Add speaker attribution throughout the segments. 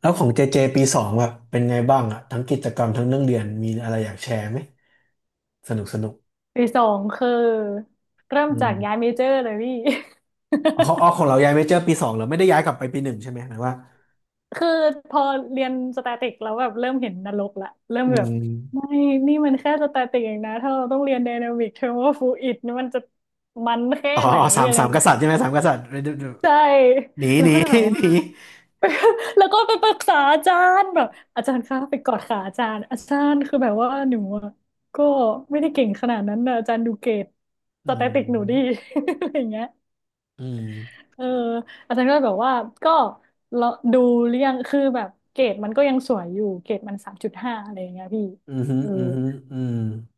Speaker 1: แล้วของเจเจปีสองแบบเป็นไงบ้างอ่ะทั้งกิจกรรมทั้งเรื่องเรียนมีอะไรอยากแชร์ไหมสนุกสนุก
Speaker 2: ปีสองคือเริ่ม
Speaker 1: อื
Speaker 2: จากย้าย
Speaker 1: ม
Speaker 2: เมเจอร์เลยพี่
Speaker 1: เขาเอาของเราย้ายเมเจอร์ปีสองเหรอไม่ได้ย้ายกลับไปปีหนึ่งใช่ไหมหมายว่า
Speaker 2: คือพอเรียนสแตติกแล้วแบบเริ่มเห็นนรกละเริ่ม
Speaker 1: อื
Speaker 2: แบบ
Speaker 1: ม
Speaker 2: ไม่นี่มันแค่สแตติกเองนะถ้าเราต้องเรียนไดนามิกเทอร์โมฟลูอิดมันจะมันแค่
Speaker 1: อ๋อ
Speaker 2: ไหน
Speaker 1: อ๋อสาม
Speaker 2: อะไร
Speaker 1: สามก
Speaker 2: เงี้ย
Speaker 1: ษัตริย์ใช่ไหมสามกษัตริย์
Speaker 2: ใช่
Speaker 1: หนี
Speaker 2: แล้
Speaker 1: ห
Speaker 2: ว
Speaker 1: นี
Speaker 2: ก็เลยแบบ
Speaker 1: ห
Speaker 2: ว่า
Speaker 1: นี
Speaker 2: แล้วก็ไปปรึกษาอาจารย์แบบอาจารย์คะไปกอดขาอาจารย์อาจารย์คือแบบว่าหนูอะก็ไม่ได้เก่งขนาดนั้นนะอาจารย์ดูเกรดส
Speaker 1: อื
Speaker 2: แตติกหนูดี
Speaker 1: ม
Speaker 2: อะไรเงี้ย
Speaker 1: อืม
Speaker 2: เอออาจารย์ก็แบบว่าก็เราดูเรื่อยังคือแบบเกรดมันก็ยังสวยอยู่เกรดมันสามจุดห้าอะไรอย่างเงี้ยพี่
Speaker 1: อืมอื
Speaker 2: เออ
Speaker 1: มอืม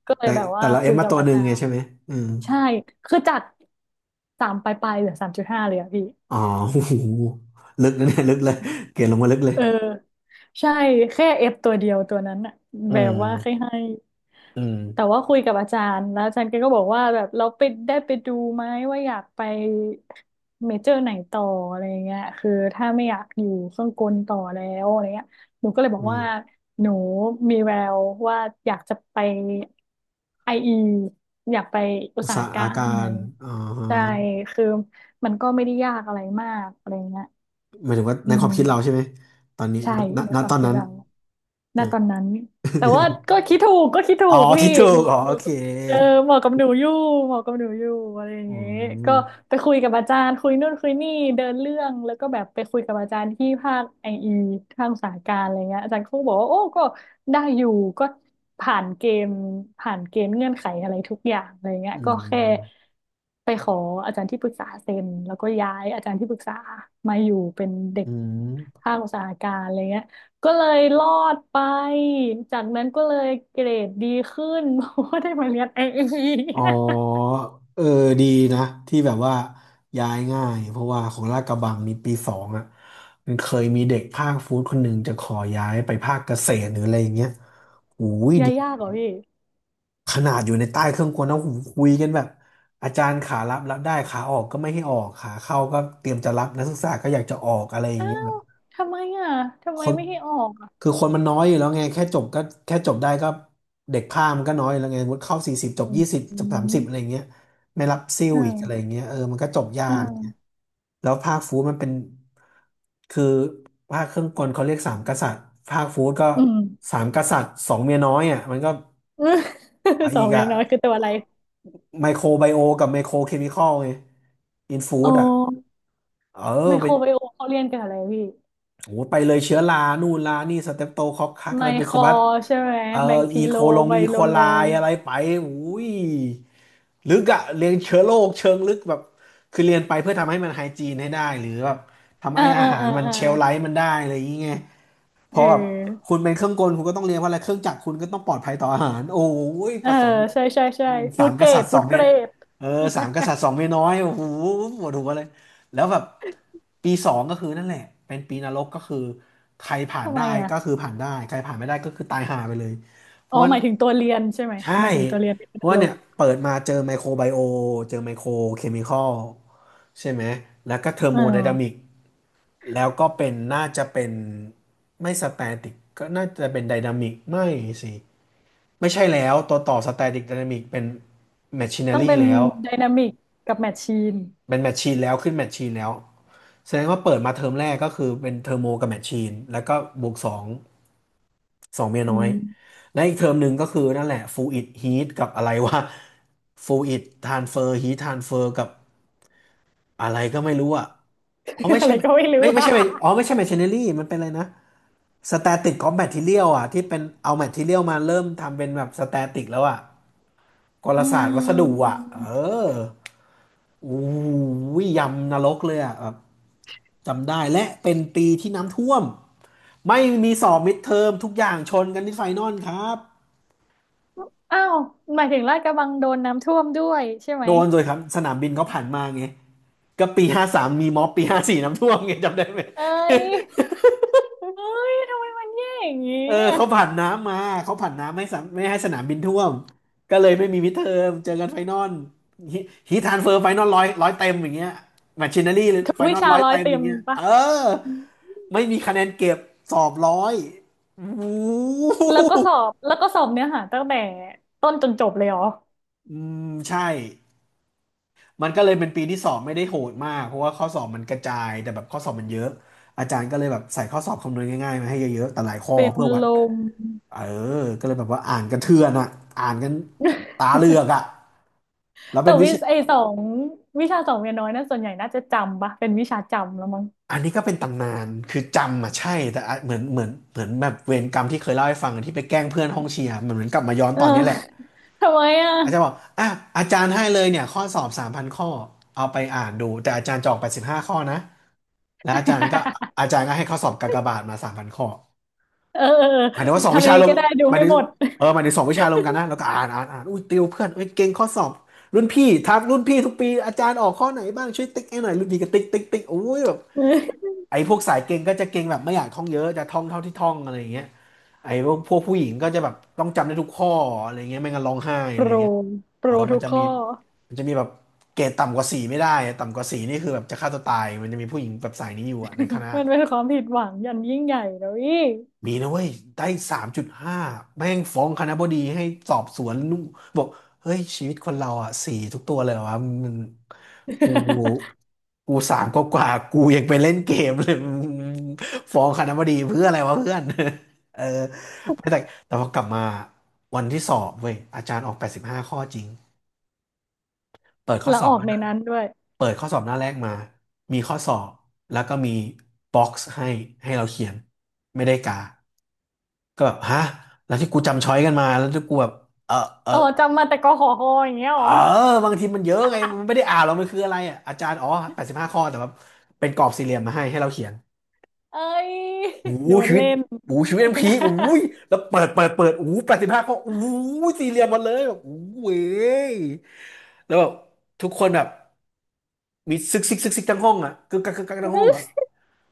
Speaker 2: ก็เลย
Speaker 1: แต่
Speaker 2: แบบ
Speaker 1: แต่
Speaker 2: ว่า
Speaker 1: เราเอ
Speaker 2: คุ
Speaker 1: ฟ
Speaker 2: ย
Speaker 1: มา
Speaker 2: กับ
Speaker 1: ตัวห
Speaker 2: อา
Speaker 1: นึ่ง
Speaker 2: จา
Speaker 1: ไง
Speaker 2: รย์
Speaker 1: ใช่ไหมอืม
Speaker 2: ใช่คือจากสามปลายๆเหลือสามจุดห้าเลยอะพี่
Speaker 1: อ๋อ โอ้โหลึกนะเนี่ยลึกเลยเกรดลงมาลึกเลย
Speaker 2: เออใช่แค่เอฟตัวเดียวตัวนั้นอะ
Speaker 1: อื
Speaker 2: แบบว่าให้
Speaker 1: ม
Speaker 2: ให้
Speaker 1: อืม
Speaker 2: แต่ว่าคุยกับอาจารย์แล้วอาจารย์แกก็บอกว่าแบบเราไปได้ไปดูไหมว่าอยากไปเมเจอร์ไหนต่ออะไรเงี้ยคือถ้าไม่อยากอยู่เครื่องกลต่อแล้วอะไรเงี้ยหนูก็เลยบอก
Speaker 1: อืม
Speaker 2: ว่าหนูมีแววว่าอยากจะไปไออีอยากไปอุ
Speaker 1: อุ
Speaker 2: ต
Speaker 1: ต
Speaker 2: สาห
Speaker 1: สาห
Speaker 2: การ
Speaker 1: กา
Speaker 2: อะไร
Speaker 1: ร
Speaker 2: เงี้ย
Speaker 1: อ๋
Speaker 2: ใช่
Speaker 1: อ
Speaker 2: คือมันก็ไม่ได้ยากอะไรมากอะไรเงี้ย
Speaker 1: หมายถึงว่า
Speaker 2: อื
Speaker 1: ในควา
Speaker 2: ม
Speaker 1: มคิดเราใช่ไหมตอนนี้
Speaker 2: ใช่
Speaker 1: ณณ
Speaker 2: ใน
Speaker 1: ณ
Speaker 2: ควา
Speaker 1: ต
Speaker 2: ม
Speaker 1: อน
Speaker 2: คิด
Speaker 1: นั้น
Speaker 2: เราณ
Speaker 1: อ่า
Speaker 2: ตอนนั้นแต่ว่าก็ คิดถูกก็คิดถู
Speaker 1: อ๋อ
Speaker 2: กพี่
Speaker 1: คิดถู
Speaker 2: เห
Speaker 1: ก
Speaker 2: มาะ
Speaker 1: อ๋อ
Speaker 2: เห
Speaker 1: โอ
Speaker 2: มาะ
Speaker 1: เค
Speaker 2: กับเออเหมาะกับหนูอยู่เหมาะกับหนูอยู่อะไรอย่าง
Speaker 1: อื
Speaker 2: เงี้ยก็
Speaker 1: ม
Speaker 2: ไปคุยกับอาจารย์คุยนู่นคุยนี่เดินเรื่องแล้วก็แบบไปคุยกับอาจารย์ที่ภาคไออีภาคอุตสาหการอะไรเงี้ยอาจารย์เขาก็บอกว่าโอ้ก็ได้อยู่ก็ผ่านเกณฑ์ผ่านเกณฑ์เงื่อนไขอะไรทุกอย่างอะไรเงี้ย
Speaker 1: อื
Speaker 2: ก็แค่
Speaker 1: ม
Speaker 2: ไปขออาจารย์ที่ปรึกษาเซ็นแล้วก็ย้ายอาจารย์ที่ปรึกษามาอยู่เป็นเด็ก
Speaker 1: อืม
Speaker 2: ภาคอุตสาหการอะไรเงี้ย ก็เลยรอดไปจากนั้นก็เลยเกรดดีขึ้น เพราะว่าได้มาเรียนไอเ
Speaker 1: อ๋อ
Speaker 2: อ
Speaker 1: เออดีนะที่แบบว่าย้ายง่ายเพราะว่าของลาดกระบังนี่ปีสองอ่ะมันเคยมีเด็กภาคฟู้ดคนหนึ่งจะขอย้ายไปภาคเกษตรหรืออะไรอย่างเงี้ยโอ้ย
Speaker 2: ยา
Speaker 1: ดี
Speaker 2: ยากเหรอพี่
Speaker 1: ขนาดอยู่ในใต้เครื่องกลนะโอ้โหคุยกันแบบอาจารย์ขารับรับได้ขาออกก็ไม่ให้ออกขาเข้าก็เตรียมจะรับนักศึกษาก็อยากจะออกอะไรอย่าง
Speaker 2: อ้า
Speaker 1: เงี้ยครั
Speaker 2: ว
Speaker 1: บ
Speaker 2: ทำไมอ่ะทำ
Speaker 1: ค
Speaker 2: ไม
Speaker 1: น
Speaker 2: ไม่ให้ออกอ่ะ
Speaker 1: คือคนมันน้อยอยู่แล้วไงแค่จบก็แค่จบได้ก็เด็กข้ามมันก็น้อยอยู่แล้วไงสมมุติเข้า40จ
Speaker 2: อื
Speaker 1: บ
Speaker 2: ม
Speaker 1: 20
Speaker 2: อื
Speaker 1: จบ30
Speaker 2: ม
Speaker 1: อะไรอย่างเงี้ยไม่รับซิ่วอีกอะไรอ
Speaker 2: อ่า
Speaker 1: ย่างเงี้ยเออมันก็จบยา
Speaker 2: อ่
Speaker 1: ก
Speaker 2: า
Speaker 1: แล้วภาคฟู้ดมันเป็นคือภาคเครื่องกลเขาเรียกสามกษัตริย์ภาคฟู้ดก็
Speaker 2: อืม
Speaker 1: สามกษัตริย์สองเมียน้อยอ่ะมันก็
Speaker 2: อืม สอ
Speaker 1: อี
Speaker 2: ง
Speaker 1: ก
Speaker 2: อย่า
Speaker 1: อ่ะ
Speaker 2: งน้อยคือตัวอะไร
Speaker 1: ไมโครไบโอกับไมโครเคมีคอลไงอินฟู้
Speaker 2: อ๋อ
Speaker 1: ดอ่ะเออ
Speaker 2: ไม
Speaker 1: ไป
Speaker 2: โครไบโอมเขาเรียนกันอะไรพี่
Speaker 1: โอ้ไปเลยเชื้อรานู่นลานี่สเตปโตคอกคักอะ
Speaker 2: ไม
Speaker 1: ไรเป็น
Speaker 2: โค
Speaker 1: ส
Speaker 2: ร
Speaker 1: บัด
Speaker 2: ใช่ไหม
Speaker 1: เอ่อ
Speaker 2: แบคที
Speaker 1: อีโค
Speaker 2: โล
Speaker 1: ลง
Speaker 2: ไบ
Speaker 1: อีโค
Speaker 2: โลโล
Speaker 1: ไลอะไรไปอุ้ยลึกอะเรียนเชื้อโรคเชิงลึกแบบ คือเรียนไปเพื่อทำให้มันไฮจีนให้ได้หรือแบบทำ
Speaker 2: อ่า
Speaker 1: ให้อา
Speaker 2: อ่า
Speaker 1: หาร
Speaker 2: อ่า
Speaker 1: มัน
Speaker 2: อ่า
Speaker 1: เชลไลฟ์มันได้อะไรอย่างเงี้ยเพ
Speaker 2: เอ
Speaker 1: ราะแบบ
Speaker 2: อ
Speaker 1: คุณเป็นเครื่องกลคุณก็ต้องเรียนว่าอะไร เครื่องจักรคุณก็ต้องปลอดภัยต่ออาหารโอ้ย
Speaker 2: เอ
Speaker 1: ผ
Speaker 2: อ
Speaker 1: สม
Speaker 2: ใช่ใช่ใช่
Speaker 1: สา
Speaker 2: ฟู้ด
Speaker 1: มก
Speaker 2: เกร
Speaker 1: ษัต
Speaker 2: ด
Speaker 1: ริย์ส
Speaker 2: ฟู้
Speaker 1: อ
Speaker 2: ด
Speaker 1: ง
Speaker 2: เก
Speaker 1: เมีย
Speaker 2: รด
Speaker 1: เออสามกษัตริย์สองเมียน้อยโอ้โหปวดหัวเลย แล้วแบบปีสองก็คือนั่นแหละเป็นปีนรกก็คือใครผ่า น
Speaker 2: ทำไม
Speaker 1: ได้
Speaker 2: อ่ะ
Speaker 1: ก็คือผ่านได้ใครผ่านไม่ได้ก็คือตายห่าไปเลยเพ
Speaker 2: อ๋อ
Speaker 1: ราะว่า
Speaker 2: หมายถึงตัวเรียนใช่ไหมห
Speaker 1: ใช่
Speaker 2: มายถึงตัวเรียนเป็นอ
Speaker 1: เพราะ
Speaker 2: นา
Speaker 1: ว่า
Speaker 2: รอ
Speaker 1: เนี่
Speaker 2: ก
Speaker 1: ยเปิดมาเจอไมโครไบโอเจอไมโครเคมีคอลใช่ไหมแล้วก็เทอร์
Speaker 2: อ่
Speaker 1: โมไดนามิ
Speaker 2: า
Speaker 1: กแล้วก็เป็นน่าจะเป็นไม่สแตติกก็น่าจะเป็นไดนามิกสิไม่ใช่แล้วตัวต่อสแตติกไดนามิกเป็นแมชชีน
Speaker 2: ต้
Speaker 1: n
Speaker 2: อง
Speaker 1: รี
Speaker 2: เป็น
Speaker 1: แล้ว
Speaker 2: ไดนามิกกับแมชชีน
Speaker 1: เป็นแมชชีนแล้วขึ้นแมชชีนแล้ว แสดงว่าเปิดมาเทอมแรกก็คือเป็นเทอร์โมกับแมชชีนแล้วก็บวกสองสองเมีย
Speaker 2: อื
Speaker 1: น้อย
Speaker 2: ม
Speaker 1: และอีกเทอมหนึ่งก็คือนั่นแหละฟูอิดฮีทกับอะไรวะฟูอิดทานเฟอร์ฮีททานเฟอร์กับอะไรก็ไม่รู้อ่ะอ๋อไม่
Speaker 2: อะ
Speaker 1: ใช่
Speaker 2: ไรก็ไม่รู้
Speaker 1: ไม่ ไม่
Speaker 2: อะ
Speaker 1: ใช่อ๋อไม่ใช่แมชชีนเนอรี่มันเป็นอะไรนะสแตติกกองแมททีเรียลอ่ะที่เป็นเอาแมททีเรียลมาเริ่มทำเป็นแบบสแตติกแล้วอ่ะกล
Speaker 2: อื
Speaker 1: ศาสตร์วัสดุอ่ะเอ
Speaker 2: ม
Speaker 1: อ อู้ยยำนรกเลยอ่ะแบบจำได้และเป็นปีที่น้ำท่วมไม่มีสอบมิดเทอมทุกอย่างชนกันที่ไฟนอลครับ
Speaker 2: อ้าวหมายถึงลาดกระบังโดนน้ำท่วมด้วยใช่ไหม
Speaker 1: โดนเลยครับสนามบินเขาผ่านมาไงก็ปีห้าสามมีม็อบปีห้าสี่น้ำท่วมไงจำได้ไหม
Speaker 2: เอ้ยเอ้ยทำไมมันแย่อย่างงี้
Speaker 1: เออ
Speaker 2: อะ
Speaker 1: เขาผ่านน้ำมาเขาผ่านน้ำไม่สามไม่ให้สนามบินท่วมก็เลยไม่มีมิดเทอมเจอกันไฟนอลฮีททรานสเฟอร์ไฟนอลร้อยร้อยเต็มอย่างเงี้ยแมชชีนารี่
Speaker 2: ทุก
Speaker 1: ไฟ
Speaker 2: วิ
Speaker 1: นอล
Speaker 2: ชา
Speaker 1: ร้อย
Speaker 2: ร้อย
Speaker 1: เต็ม
Speaker 2: เต็
Speaker 1: อย่าง
Speaker 2: ม
Speaker 1: เงี้ยเอ
Speaker 2: ปะ
Speaker 1: อ
Speaker 2: อืม
Speaker 1: ไม่มีคะแนนเก็บสอบร้อยโอ้โห
Speaker 2: แล้วก็สอบแล้วก็สอบเนื้อหาตั้งแต่ต้นจนจบเลยเหรอ
Speaker 1: อืมใช่มันก็เลยเป็นปีที่สอบไม่ได้โหดมากเพราะว่าข้อสอบมันกระจายแต่แบบข้อสอบมันเยอะอาจารย์ก็เลยแบบใส่ข้อสอบคำนวณง่ายๆมาให้เยอะๆแต่หลายข้อ
Speaker 2: เป็น
Speaker 1: เพื่อวัด
Speaker 2: ลม
Speaker 1: เออก็เลยแบบว่าอ่านกันเทือนอ่ะอ่านกันตาเหลือก อ่ะแล้ว
Speaker 2: แต่
Speaker 1: เป็นวิ
Speaker 2: วิ
Speaker 1: ชา
Speaker 2: ไอสองวิชาสองเรียนน้อยนะส่วนใหญ่น่าจะจำปะเป็นวิชาจำแล้วมั้ง
Speaker 1: อันนี้ก็เป็นตำนาน คือจำอ่ะใช่แต่อ่ะเหมือนแบบเวรกรรมที่เคยเล่าให้ฟังที่ไปแกล้งเพื่อนห้องเชียร์มันเหมือนกลับมาย้อน
Speaker 2: เอ
Speaker 1: ต
Speaker 2: อ
Speaker 1: อนนี้แหละ
Speaker 2: ทำไมอ่ะ
Speaker 1: อาจารย์บอกอ่ะอาจารย์ให้เลยเนี่ยข้อสอบสามพันข้อเอาไปอ่านดูแต่อาจารย์จะออกไป15 ข้อนะแล้วอาจารย์ก็ให้ข้อสอบกากบาทมาสามพันข้อ
Speaker 2: เออเออ
Speaker 1: หมาย ถึง
Speaker 2: เออ
Speaker 1: ว่าสองวิ
Speaker 2: ทำยั
Speaker 1: ชา
Speaker 2: งไง
Speaker 1: รวม
Speaker 2: ก็ได้ดู
Speaker 1: หมาย
Speaker 2: ให้
Speaker 1: ถึง
Speaker 2: หมด
Speaker 1: เออหมายถึงสองวิชารวมกันนะแล้วก็อ่านอ่านอ่านอุ้ยติวเพื่อนเอ้ยเก่งข้อสอบรุ่นพี่ทักรุ่นพี่ทุกปีอาจารย์ออกข้อไหนบ้างช่วยติ๊กให้หน่อยรุ่นพี่ก็ติ๊กติ๊กติ๊กโอ้ยแบบ ไอ้พวกสายเก่งก็จะเก่งแบบไม่อยากท่องเยอะจะท่องเท่าที่ท่องอะไรอย่างเงี้ยไอ้พวกผู้หญิงก็จะแบบต้องจำได้ทุกข้ออะไรเงี้ยไม่งั้นร้องไห้
Speaker 2: โป
Speaker 1: อะไร
Speaker 2: ร
Speaker 1: เงี้ย
Speaker 2: โป
Speaker 1: เอ
Speaker 2: ร
Speaker 1: อมั
Speaker 2: ทุ
Speaker 1: น
Speaker 2: ก
Speaker 1: จะ
Speaker 2: ข้
Speaker 1: มี
Speaker 2: อ
Speaker 1: มันจะมีแบบเกรดต่ำกว่าสี่ไม่ได้อะต่ำกว่าสี่นี่คือแบบจะฆ่าตัวตายมันจะมีผู้หญิงแบบสายนี้อยู่อะในคณะ
Speaker 2: มันเป็นความผิดหวังอย่างยิ่งใหญ่แล้วอี
Speaker 1: มีนะเว้ยได้3.5แม่งฟ้องคณบดีให้สอบสวนนู่นบอกเฮ้ยชีวิตคนเราอ่ะสี่ทุกตัวเลยเหรอวะมันกู กูสามก็กว่าๆกูยังไปเล่นเกมเลย มึงฟ้องคณบดีเพื่ออะไรวะเพื่อน เออไม่แต่แต่พอกลับมาวันที่สอบเว้ยอาจารย์ออกแปดสิบห้าข้อจริงเปิดข้อ
Speaker 2: แล้ว
Speaker 1: สอ
Speaker 2: อ
Speaker 1: บ
Speaker 2: อก
Speaker 1: มาห
Speaker 2: ใน
Speaker 1: น้า
Speaker 2: นั้นด้วย
Speaker 1: เปิดข้อสอบหน้าแรกมามีข้อสอบแล้วก็มีบ็อกซ์ให้เราเขียนไม่ได้กา ก็แบบฮะแล้วที่กูจำช้อยกันมาแล้วที่กูแบบเออเออ
Speaker 2: เออจำมาแต่กขอคออย่างเงี้ย
Speaker 1: เอ
Speaker 2: เห
Speaker 1: อ
Speaker 2: รอ
Speaker 1: บางทีมันเยอะไงมันไม่ได้อ่านหรอกมันคืออะไรอ่ะอาจารย์อ๋อแปดสิบห้าข้อแต่ว่าเป็นกรอบสี่เหลี่ยมมาให้เราเขียน
Speaker 2: เอ้ย
Speaker 1: โอ้โห
Speaker 2: โดน
Speaker 1: ชีวิต
Speaker 2: เล่น
Speaker 1: โอ้โหชีวิตมันพีคโอ้ยแล้วเปิดเปิดเปิดโอ้แปดสิบห้าข้อโอ้โหสี่เหลี่ยมหมดเลยแบบโอ้โหเว้ยแล้วแบบทุกคนแบบมีซึกซึกซึกซึกทั้งห้องอ่ะกึกกักกึกกักทั้งห้องอ่ะ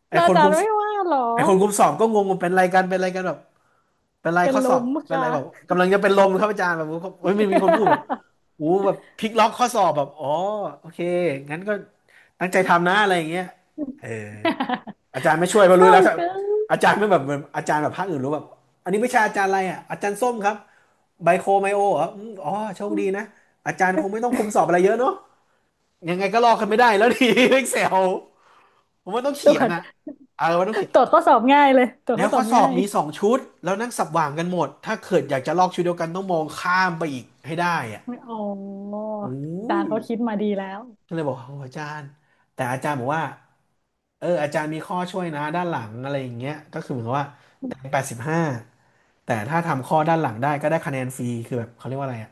Speaker 1: ไอ
Speaker 2: แล้ว
Speaker 1: ค
Speaker 2: อา
Speaker 1: น
Speaker 2: จาร
Speaker 1: คุม
Speaker 2: ย์ไม่ว่าเหรอ
Speaker 1: ไอคนคุมสอบก็งงว่าเป็นอะไรกันเป็นอะไรกันแบบ เป็นไร
Speaker 2: เป็น
Speaker 1: ข้อ
Speaker 2: ล
Speaker 1: สอบ
Speaker 2: ม
Speaker 1: เป็น
Speaker 2: ค่ะ
Speaker 1: ไรแบบกำลังจะเป็นลมครับอาจารย์แบบเฮ้ยมันมีคนพูดแบบโอู้แบบพลิกล็อกข้อสอบแบบอ๋อโอเคงั้นก็ตั้งใจทำนะอะไรอย่างเงี้ยเอออาจารย์ไม่ช่วยมา
Speaker 2: เศ
Speaker 1: รู้
Speaker 2: ร้า
Speaker 1: แล้วถ้า
Speaker 2: เกิ
Speaker 1: อา
Speaker 2: น
Speaker 1: จารย์ไม่แบบเหมือนอาจารย์แบบภาคอื่นรู้แบบอันนี้วิชาอาจารย์อะไรอ่ะอาจารย์ส้มครับไบโคไมโอเหรออืมอ๋อโชคดีนะอาจารย์คงไม่ต้องคุมสอบอะไรเยอะเนาะยังไงก็ลอกกันไม่ได้แล้วดี e กเ e ลผมว่าต้อง
Speaker 2: ต
Speaker 1: เขี
Speaker 2: ร
Speaker 1: ย
Speaker 2: ว
Speaker 1: น
Speaker 2: จ
Speaker 1: อ่ะเออว่าต้องเขียน
Speaker 2: ตรวจข้อสอบง่ายเลยตรวจ
Speaker 1: แล้
Speaker 2: ข้
Speaker 1: ว
Speaker 2: อส
Speaker 1: ข้
Speaker 2: อ
Speaker 1: อ
Speaker 2: บ
Speaker 1: สอ
Speaker 2: ง่า
Speaker 1: บ
Speaker 2: ย
Speaker 1: มีสองชุดแล้วนั่งสับหว่างกันหมดถ้าเกิดอยากจะลอกชุดเดียวกันต้องมองข้ามไปอีกให้ได้อ่ะ
Speaker 2: อ๋อ
Speaker 1: โอ้
Speaker 2: อาจา
Speaker 1: ย
Speaker 2: รย์เขาคิดมาดีแล้ว
Speaker 1: ก็เลยบอกโอ้อาจารย์แต่อาจารย์บอกว่าเอออาจารย์มีข้อช่วยนะด้านหลังอะไรอย่างเงี้ยก็คือเหมือนกับว่าแต้มแปดสิบห้าแต่ถ้าทำข้อด้านหลังได้ก็ได้คะแนนฟรีคือแบบเขาเรียกว่าอะไรอ่ะ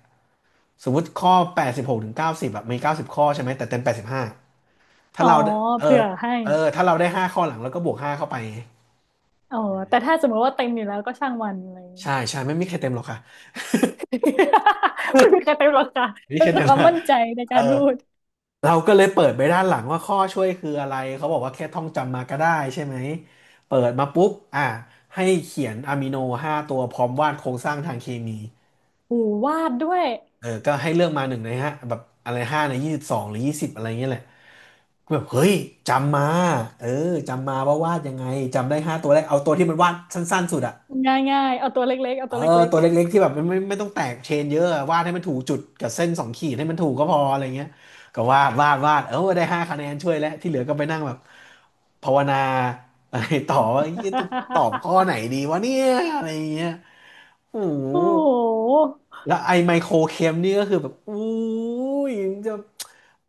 Speaker 1: สมมติข้อ86ถึงเก้าสิบแบบมีเก้าสิบข้อใช่ไหมแต่เต็มแปดสิบห้าถ้า
Speaker 2: อ๋อ
Speaker 1: เราเออ
Speaker 2: เผื่อให้
Speaker 1: เออถ้าเราได้ห้าข้อหลังแล้วก็บวกห้าเข้าไป
Speaker 2: อ๋อแต่ถ้าสมมติว่าเต็มอยู่แล้วก็ช่างมันอะไรอย่าง
Speaker 1: ใช่
Speaker 2: งี้
Speaker 1: ใช่ไม่มีใครเต็มหรอกค่ะ
Speaker 2: ไม่มีใครเต็มหรอกค่ะ
Speaker 1: ไม่มี
Speaker 2: เป็
Speaker 1: ใคร
Speaker 2: น
Speaker 1: เต็ม
Speaker 2: ควา
Speaker 1: ห
Speaker 2: ม
Speaker 1: รอก
Speaker 2: มั่นใจใน
Speaker 1: เอ
Speaker 2: กา
Speaker 1: อ
Speaker 2: รพูด
Speaker 1: เราก็เลยเปิดไปด้านหลังว่าข้อช่วยคืออะไรเขาบอกว่าแค่ท่องจำมาก็ได้ใช่ไหมเปิดมาปุ๊บอ่ะให้เขียนอะมิโนห้าตัวพร้อมวาดโครงสร้างทางเคมี
Speaker 2: โหูวาดด้วย
Speaker 1: เออก็ให้เลือกมาหนึ่งในห้าแบบอะไรห้าใน22หรือยี่สิบอะไรเงี้ยแหละก็แบบเฮ้ยจำมาเออจำมาว่าวาดยังไงจำได้ห้าตัวแรกเอาตัวที่มันวาดสั้นๆสุดอะ
Speaker 2: ง่ายๆเอาตัวเล็กๆเอา
Speaker 1: เอ
Speaker 2: ตั
Speaker 1: อ
Speaker 2: วเล็ก
Speaker 1: ตัวเล็ก
Speaker 2: ๆ
Speaker 1: ๆที่แบบมันไม่ต้องแตกเชนเยอะอะวาดให้มันถูกจุดกับเส้นสองขีดให้มันถูกก็พออะไรเงี้ยก็วาดวาดวาดเออได้ห้าคะแนนช่วยแล้วที่เหลือก็ไปนั่งแบบภาวนาอะไรต่อว่าเหี้ยจะตอบข้อไหนดีวะเนี่ยอะไรเงี้ยโอ้ โห
Speaker 2: โอ้โห
Speaker 1: แล้วไอ้ไมโครเคมนี่ก็คือแบบอู้ยมึงจะ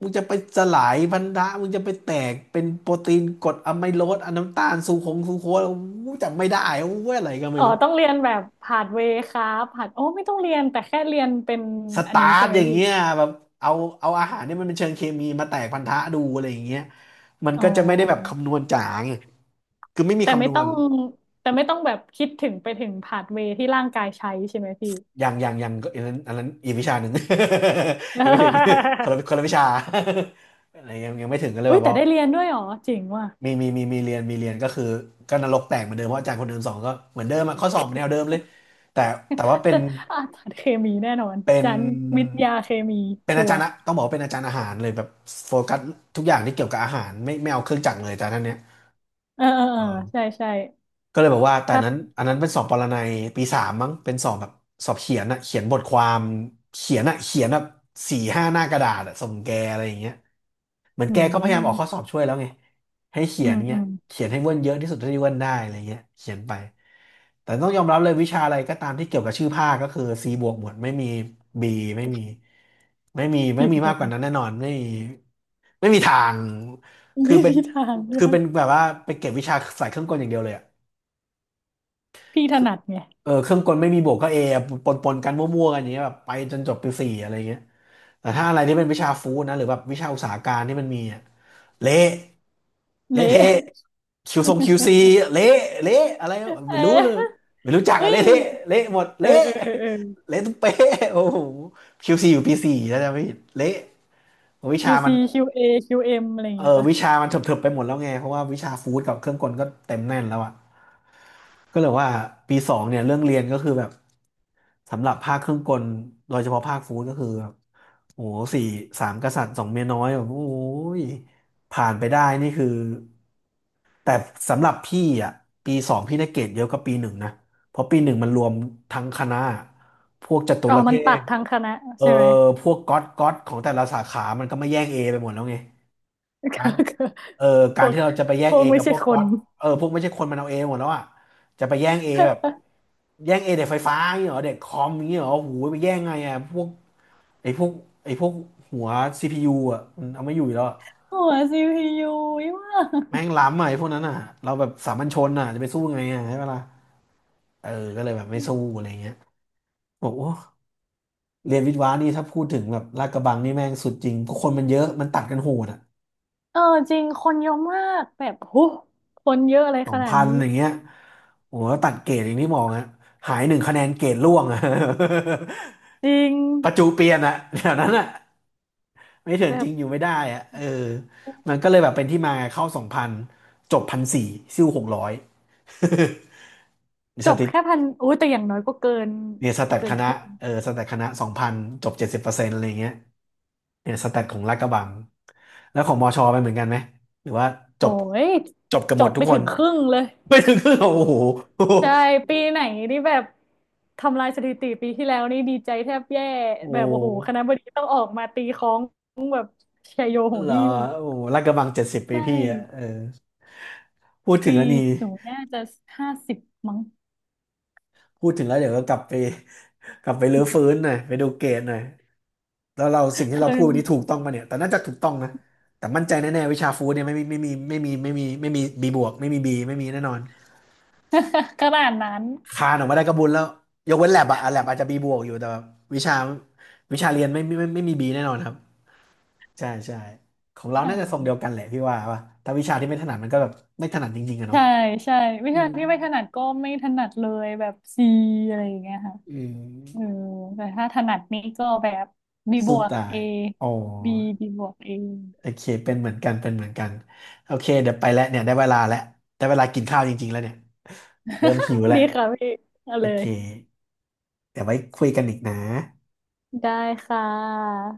Speaker 1: มึงจะไปสลายพันธะมึงจะไปแตกเป็นโปรตีนกรดอะไมโลสอะน้ำตาลซูโคงซูโคสอู้จำไม่ได้อู้อะไรก็ไม่
Speaker 2: อ๋อ
Speaker 1: รู้
Speaker 2: ต้องเรียนแบบผาดเวย์ครับผาดโอ้ไม่ต้องเรียนแต่แค่เรียนเป็น
Speaker 1: ส
Speaker 2: อัน
Speaker 1: ตา
Speaker 2: นี้
Speaker 1: ร์
Speaker 2: ใช่
Speaker 1: ท
Speaker 2: ไหม
Speaker 1: อย่าง
Speaker 2: พี่
Speaker 1: เงี้ยแบบเอาเอาอาหารเนี่ยมันเป็นเชิงเคมีมาแตกพันธะดูอะไรอย่างเงี้ยมัน
Speaker 2: อ๋
Speaker 1: ก็จะไม่ได้แบบ
Speaker 2: อ
Speaker 1: คำนวณจ๋าไงคือไม่มี
Speaker 2: แต่
Speaker 1: คำ
Speaker 2: ไม่
Speaker 1: นว
Speaker 2: ต้อ
Speaker 1: ณ
Speaker 2: งแต่ไม่ต้องแบบคิดถึงไปถึงพาธเวย์ที่ร่างกายใช้ใช่ไหมพี่
Speaker 1: อย่างอันนั้นอีกวิชาหนึ่ง ยังไม่ถึงคนละ คนละวิชา อะไรยังไม่ถึงก็เลย
Speaker 2: อุ้
Speaker 1: แบ
Speaker 2: ย
Speaker 1: บ
Speaker 2: แต่
Speaker 1: ว่า
Speaker 2: ได้เรียนด้วยเหรอเจ๋งว่ะ
Speaker 1: มีเรียนก็คือก็นรกแตกเหมือนเดิมเพราะอาจารย์คนเดิมสอนก็เหมือนเดิมอะข้อสอบเหมือนแนวเดิมเลยแต่แต่ว่าเป็
Speaker 2: แต่
Speaker 1: น
Speaker 2: อ่ะเคมีแน่นอน
Speaker 1: เป็น
Speaker 2: จันวิทยาเคมี
Speaker 1: เป็น
Speaker 2: ชั
Speaker 1: อา
Speaker 2: ว
Speaker 1: จา
Speaker 2: ร์
Speaker 1: รย์อะต้องบอกว่าเป็นอาจารย์อาหารเลยแบบโฟกัสทุกอย่างที่เกี่ยวกับอาหารไม่เอาเครื่องจักรเลยแต่ท่านเนี้ย
Speaker 2: เออเออเออใช่ใช่
Speaker 1: ก็เลยบอกว่าแต่
Speaker 2: ถ้า
Speaker 1: นั้นอันนั้นเป็นสอบปรนัยปีสามมั้งเป็นสอบแบบสอบเขียนอะเขียนบทความเขียนอะเขียนแบบ4-5หน้ากระดาษอะส่งแกอะไรอย่างเงี้ยเหมือน
Speaker 2: อื
Speaker 1: แกก็พยายามออกข้อสอ
Speaker 2: ม
Speaker 1: บช่วยแล้วไงให้เขี
Speaker 2: อื
Speaker 1: ยน
Speaker 2: มอื
Speaker 1: เงี้ย
Speaker 2: ม
Speaker 1: เขียนให้เวิ้นเยอะที่สุดเท่าที่เวิ้นได้อะไรเงี้ยเขียนไปแต่ต้องยอมรับเลยวิชาอะไรก็ตามที่เกี่ยวกับชื่อภาคก็คือ C บวกหมดไม่มี B ไม่มีไม่มีไม่
Speaker 2: พี่
Speaker 1: มี
Speaker 2: บ
Speaker 1: มา
Speaker 2: อ
Speaker 1: ก
Speaker 2: ก
Speaker 1: กว่านั้นแน่นอนไม่มีไม่มีทางคือ
Speaker 2: ไม่
Speaker 1: เป็น
Speaker 2: มีทางเล
Speaker 1: คือเป็
Speaker 2: ย
Speaker 1: นแบบว่าไปเก็บวิชาสายเครื่องกลอย่างเดียวเลยอะ
Speaker 2: พี่ถนัดไง
Speaker 1: เออเครื่องกลไม่มีบวกก็เอปนกันมั่วๆกันอย่างเงี้ยแบบไปจนจบปีสี่อะไรเงี้ยแต่ถ้าอะไรที่เป็นวิชาฟู้ดนะหรือแบบวิชาอุตสาหการที่มันมีอะเละเละ
Speaker 2: เละ
Speaker 1: เทะคิวทรงคิวซีเละเละอะไร ไม่รู้เลย
Speaker 2: เออ
Speaker 1: ไม่รู้จัก
Speaker 2: เฮ้
Speaker 1: อะเละ
Speaker 2: ย
Speaker 1: เทะเละหมด
Speaker 2: เออ
Speaker 1: เละ
Speaker 2: เออเออเออ
Speaker 1: เละทุกเป๊ะโอ้โหคิวซีอยู่ปีสี่แล้วจะไม่ผิดเละวิชามัน
Speaker 2: QC QA QM อคิวเอ็มอะไรอย่าง
Speaker 1: เอ
Speaker 2: เงี้ย
Speaker 1: อ
Speaker 2: ป่ะ
Speaker 1: วิชามันเถิบๆไปหมดแล้วไงเพราะว่าวิชาฟู้ดกับเครื่องกลก็เต็มแน่นแล้วอะ ก็เลยว่าปีสองเนี่ยเรื่องเรียนก็คือแบบสำหรับภาคเครื่องกลโดยเฉพาะภาคฟู้ดก็คือแบบโอ้โหสี่สามกษัตริย์สองเมียน้อยแบบโอ้ยผ่านไปได้นี่คือแต่สำหรับพี่อ่ะปีสองพี่ได้เกรดเยอะกว่าปีหนึ่งนะเพราะปีหนึ่งมันรวมทั้งคณะพวกจตุ
Speaker 2: อ๋อ
Speaker 1: รเท
Speaker 2: มันตั
Speaker 1: พ
Speaker 2: ดทางคณะ
Speaker 1: เออ
Speaker 2: ใช่ไหม
Speaker 1: พวกก๊อตของแต่ละสาขามันก็มาแย่งเอไปหมดแล้วไง กา
Speaker 2: ก็
Speaker 1: ร
Speaker 2: คือ
Speaker 1: เออ
Speaker 2: พ
Speaker 1: การ
Speaker 2: วก
Speaker 1: ที่เราจะไปแย่
Speaker 2: พ
Speaker 1: ง
Speaker 2: ว
Speaker 1: เอ
Speaker 2: กไม่
Speaker 1: กับพ
Speaker 2: ใช่
Speaker 1: วก
Speaker 2: ค
Speaker 1: ก๊อ
Speaker 2: น
Speaker 1: ตเออพวกไม่ใช่คนมันเอาเอหมดแล้วอ่ะจะไปแย่งเอแบบแย่งเอเด็กไฟฟ้าอย่างเงี้ยเหรอเด็กคอมอย่างเงี้ยเหรอโอ้โหูไปแย่งไงอ่ะพวกไอ้พวกไอ้พวกหัวซีพียูอ่ะมันเอาไม่อยู่แล้วอะ
Speaker 2: หัว CPU ยอีว่า
Speaker 1: แม่งล้ำอ่ะไอ้พวกนั้นอ่ะเราแบบสามัญชนอ่ะจะไปสู้ไงอ่ะใช่ปะล่ะเออก็เลยแบบไม่สู้อะไรเงี้ยบอกโอ้เรียนวิทย์วะนี่ถ้าพูดถึงแบบลาดกระบังนี่แม่งสุดจริงเพราะคนมันเยอะมันตัดกันโหดอ่ะ
Speaker 2: เออจริงคนเยอะมากแบบโหคนเยอะอะไร
Speaker 1: สอ
Speaker 2: ข
Speaker 1: ง
Speaker 2: นาด
Speaker 1: พัน
Speaker 2: นี้
Speaker 1: อย่างเงี้ยโอ้โหตัดเกรดอย่างที่บอกฮะหายหนึ่งคะแนนเกรดร่วงอะ
Speaker 2: จริง
Speaker 1: ประจูเปลี่ยนอะแถวนั้นอะไม่เถื่อ
Speaker 2: แบ
Speaker 1: นจ
Speaker 2: บ
Speaker 1: ริงอยู่ไม่ได้อะเออมันก็เลยแบบเป็นที่มาเข้าสองพันจบ1,400ซิ่ว600
Speaker 2: จ
Speaker 1: ส
Speaker 2: บ
Speaker 1: ถิต
Speaker 2: แค่พันโอ้ยแต่อย่างน้อยก็เกิน
Speaker 1: เนี่ยสแตท
Speaker 2: เกิ
Speaker 1: ค
Speaker 2: นค
Speaker 1: ณะ
Speaker 2: รึ่ง
Speaker 1: เออสแตทคณะสองพันจบ70%อะไรเงี้ยเนี่ยสแตทของลาดกระบังแล้วของมอชอไปเหมือนกันไหมหรือว่าจ
Speaker 2: โอ้
Speaker 1: บ
Speaker 2: ย
Speaker 1: จบกัน
Speaker 2: จ
Speaker 1: หมด
Speaker 2: บ
Speaker 1: ทุ
Speaker 2: ไม่
Speaker 1: กค
Speaker 2: ถึ
Speaker 1: น
Speaker 2: งครึ่งเลย
Speaker 1: ไม่ถึงครึ่งเหรอโอ้โห
Speaker 2: ใช่ ปีไหนนี่แบบทำลายสถิติปีที่แล้วนี่ดีใจแทบแย่
Speaker 1: โอ้โห
Speaker 2: แบบโอ้โหคณะบดีต้องออกมาตีค้องแบบชัยโยโห
Speaker 1: เหรอ
Speaker 2: หิ้ว
Speaker 1: โอ้โหลาดกระบังเจ็ดสิบ
Speaker 2: ใช
Speaker 1: ปีพี่อ่ะเอ
Speaker 2: ่
Speaker 1: อพูดถึ
Speaker 2: ปี
Speaker 1: งแล้วนี่
Speaker 2: หนูน่าจะห้าสิบมั้ง
Speaker 1: พูดถึงแล้วเดี๋ยวก็กลับไป กลับไปรื้อฟื้นหน่อยไปดูเกรดหน่อยแล้วเราสิ่งที่เรา
Speaker 2: คือ
Speaker 1: พูดวันนี้ถูกต้องปะเนี่ยแต่น่าจะถูกต้องนะแต่มั่นใจแน่ๆวิชาฟู้ดเนี่ยไม่มีบีบวกไม่มีบีไม่มีแน่นอน
Speaker 2: ขนาดนั้น
Speaker 1: คานออกมาได้ก็บุญแล้วยกเว้นแลบอะแลบอาจจะบีบวกอยู่แต่แบบวิชาวิชาเรียนไม่ไม่มีบีแน่นอนครับใช่ใช่ของ
Speaker 2: วิ้
Speaker 1: เรา
Speaker 2: ชา
Speaker 1: น่าจะทร
Speaker 2: ย
Speaker 1: งเดียวกันแหละพี่ว่าถ้าวิชาที่ไม่ถนัดมันก็แบบไม่ถนัดจริงๆอะเนาะ
Speaker 2: ใช่ใช่วิ
Speaker 1: อื
Speaker 2: ชา
Speaker 1: ม
Speaker 2: ที่ไม่ถนัดก็ไม่ถนัดเลยแบบซีอะไรอย่างเงี้ยค่ะ
Speaker 1: อืม
Speaker 2: เออแต่ถ้าถนัดนี่ก็แบบบีบ
Speaker 1: สู้
Speaker 2: วก
Speaker 1: ตา
Speaker 2: เอ
Speaker 1: ยอ๋อ
Speaker 2: บีบีบวกเอ
Speaker 1: โอเคเป็นเหมือนกันเป็นเหมือนกันโอเคเดี๋ยวไปแล้วเนี่ยได้เวลาแล้วได้เวลากินข้าวจริงๆแล้วเนี่ยเริ่มหิว แล้ว
Speaker 2: ดีค่ะพี่เอา
Speaker 1: โอ
Speaker 2: เล
Speaker 1: เค
Speaker 2: ย
Speaker 1: เดี๋ยวไว้คุยกันอีกนะ
Speaker 2: ได้ค่ะ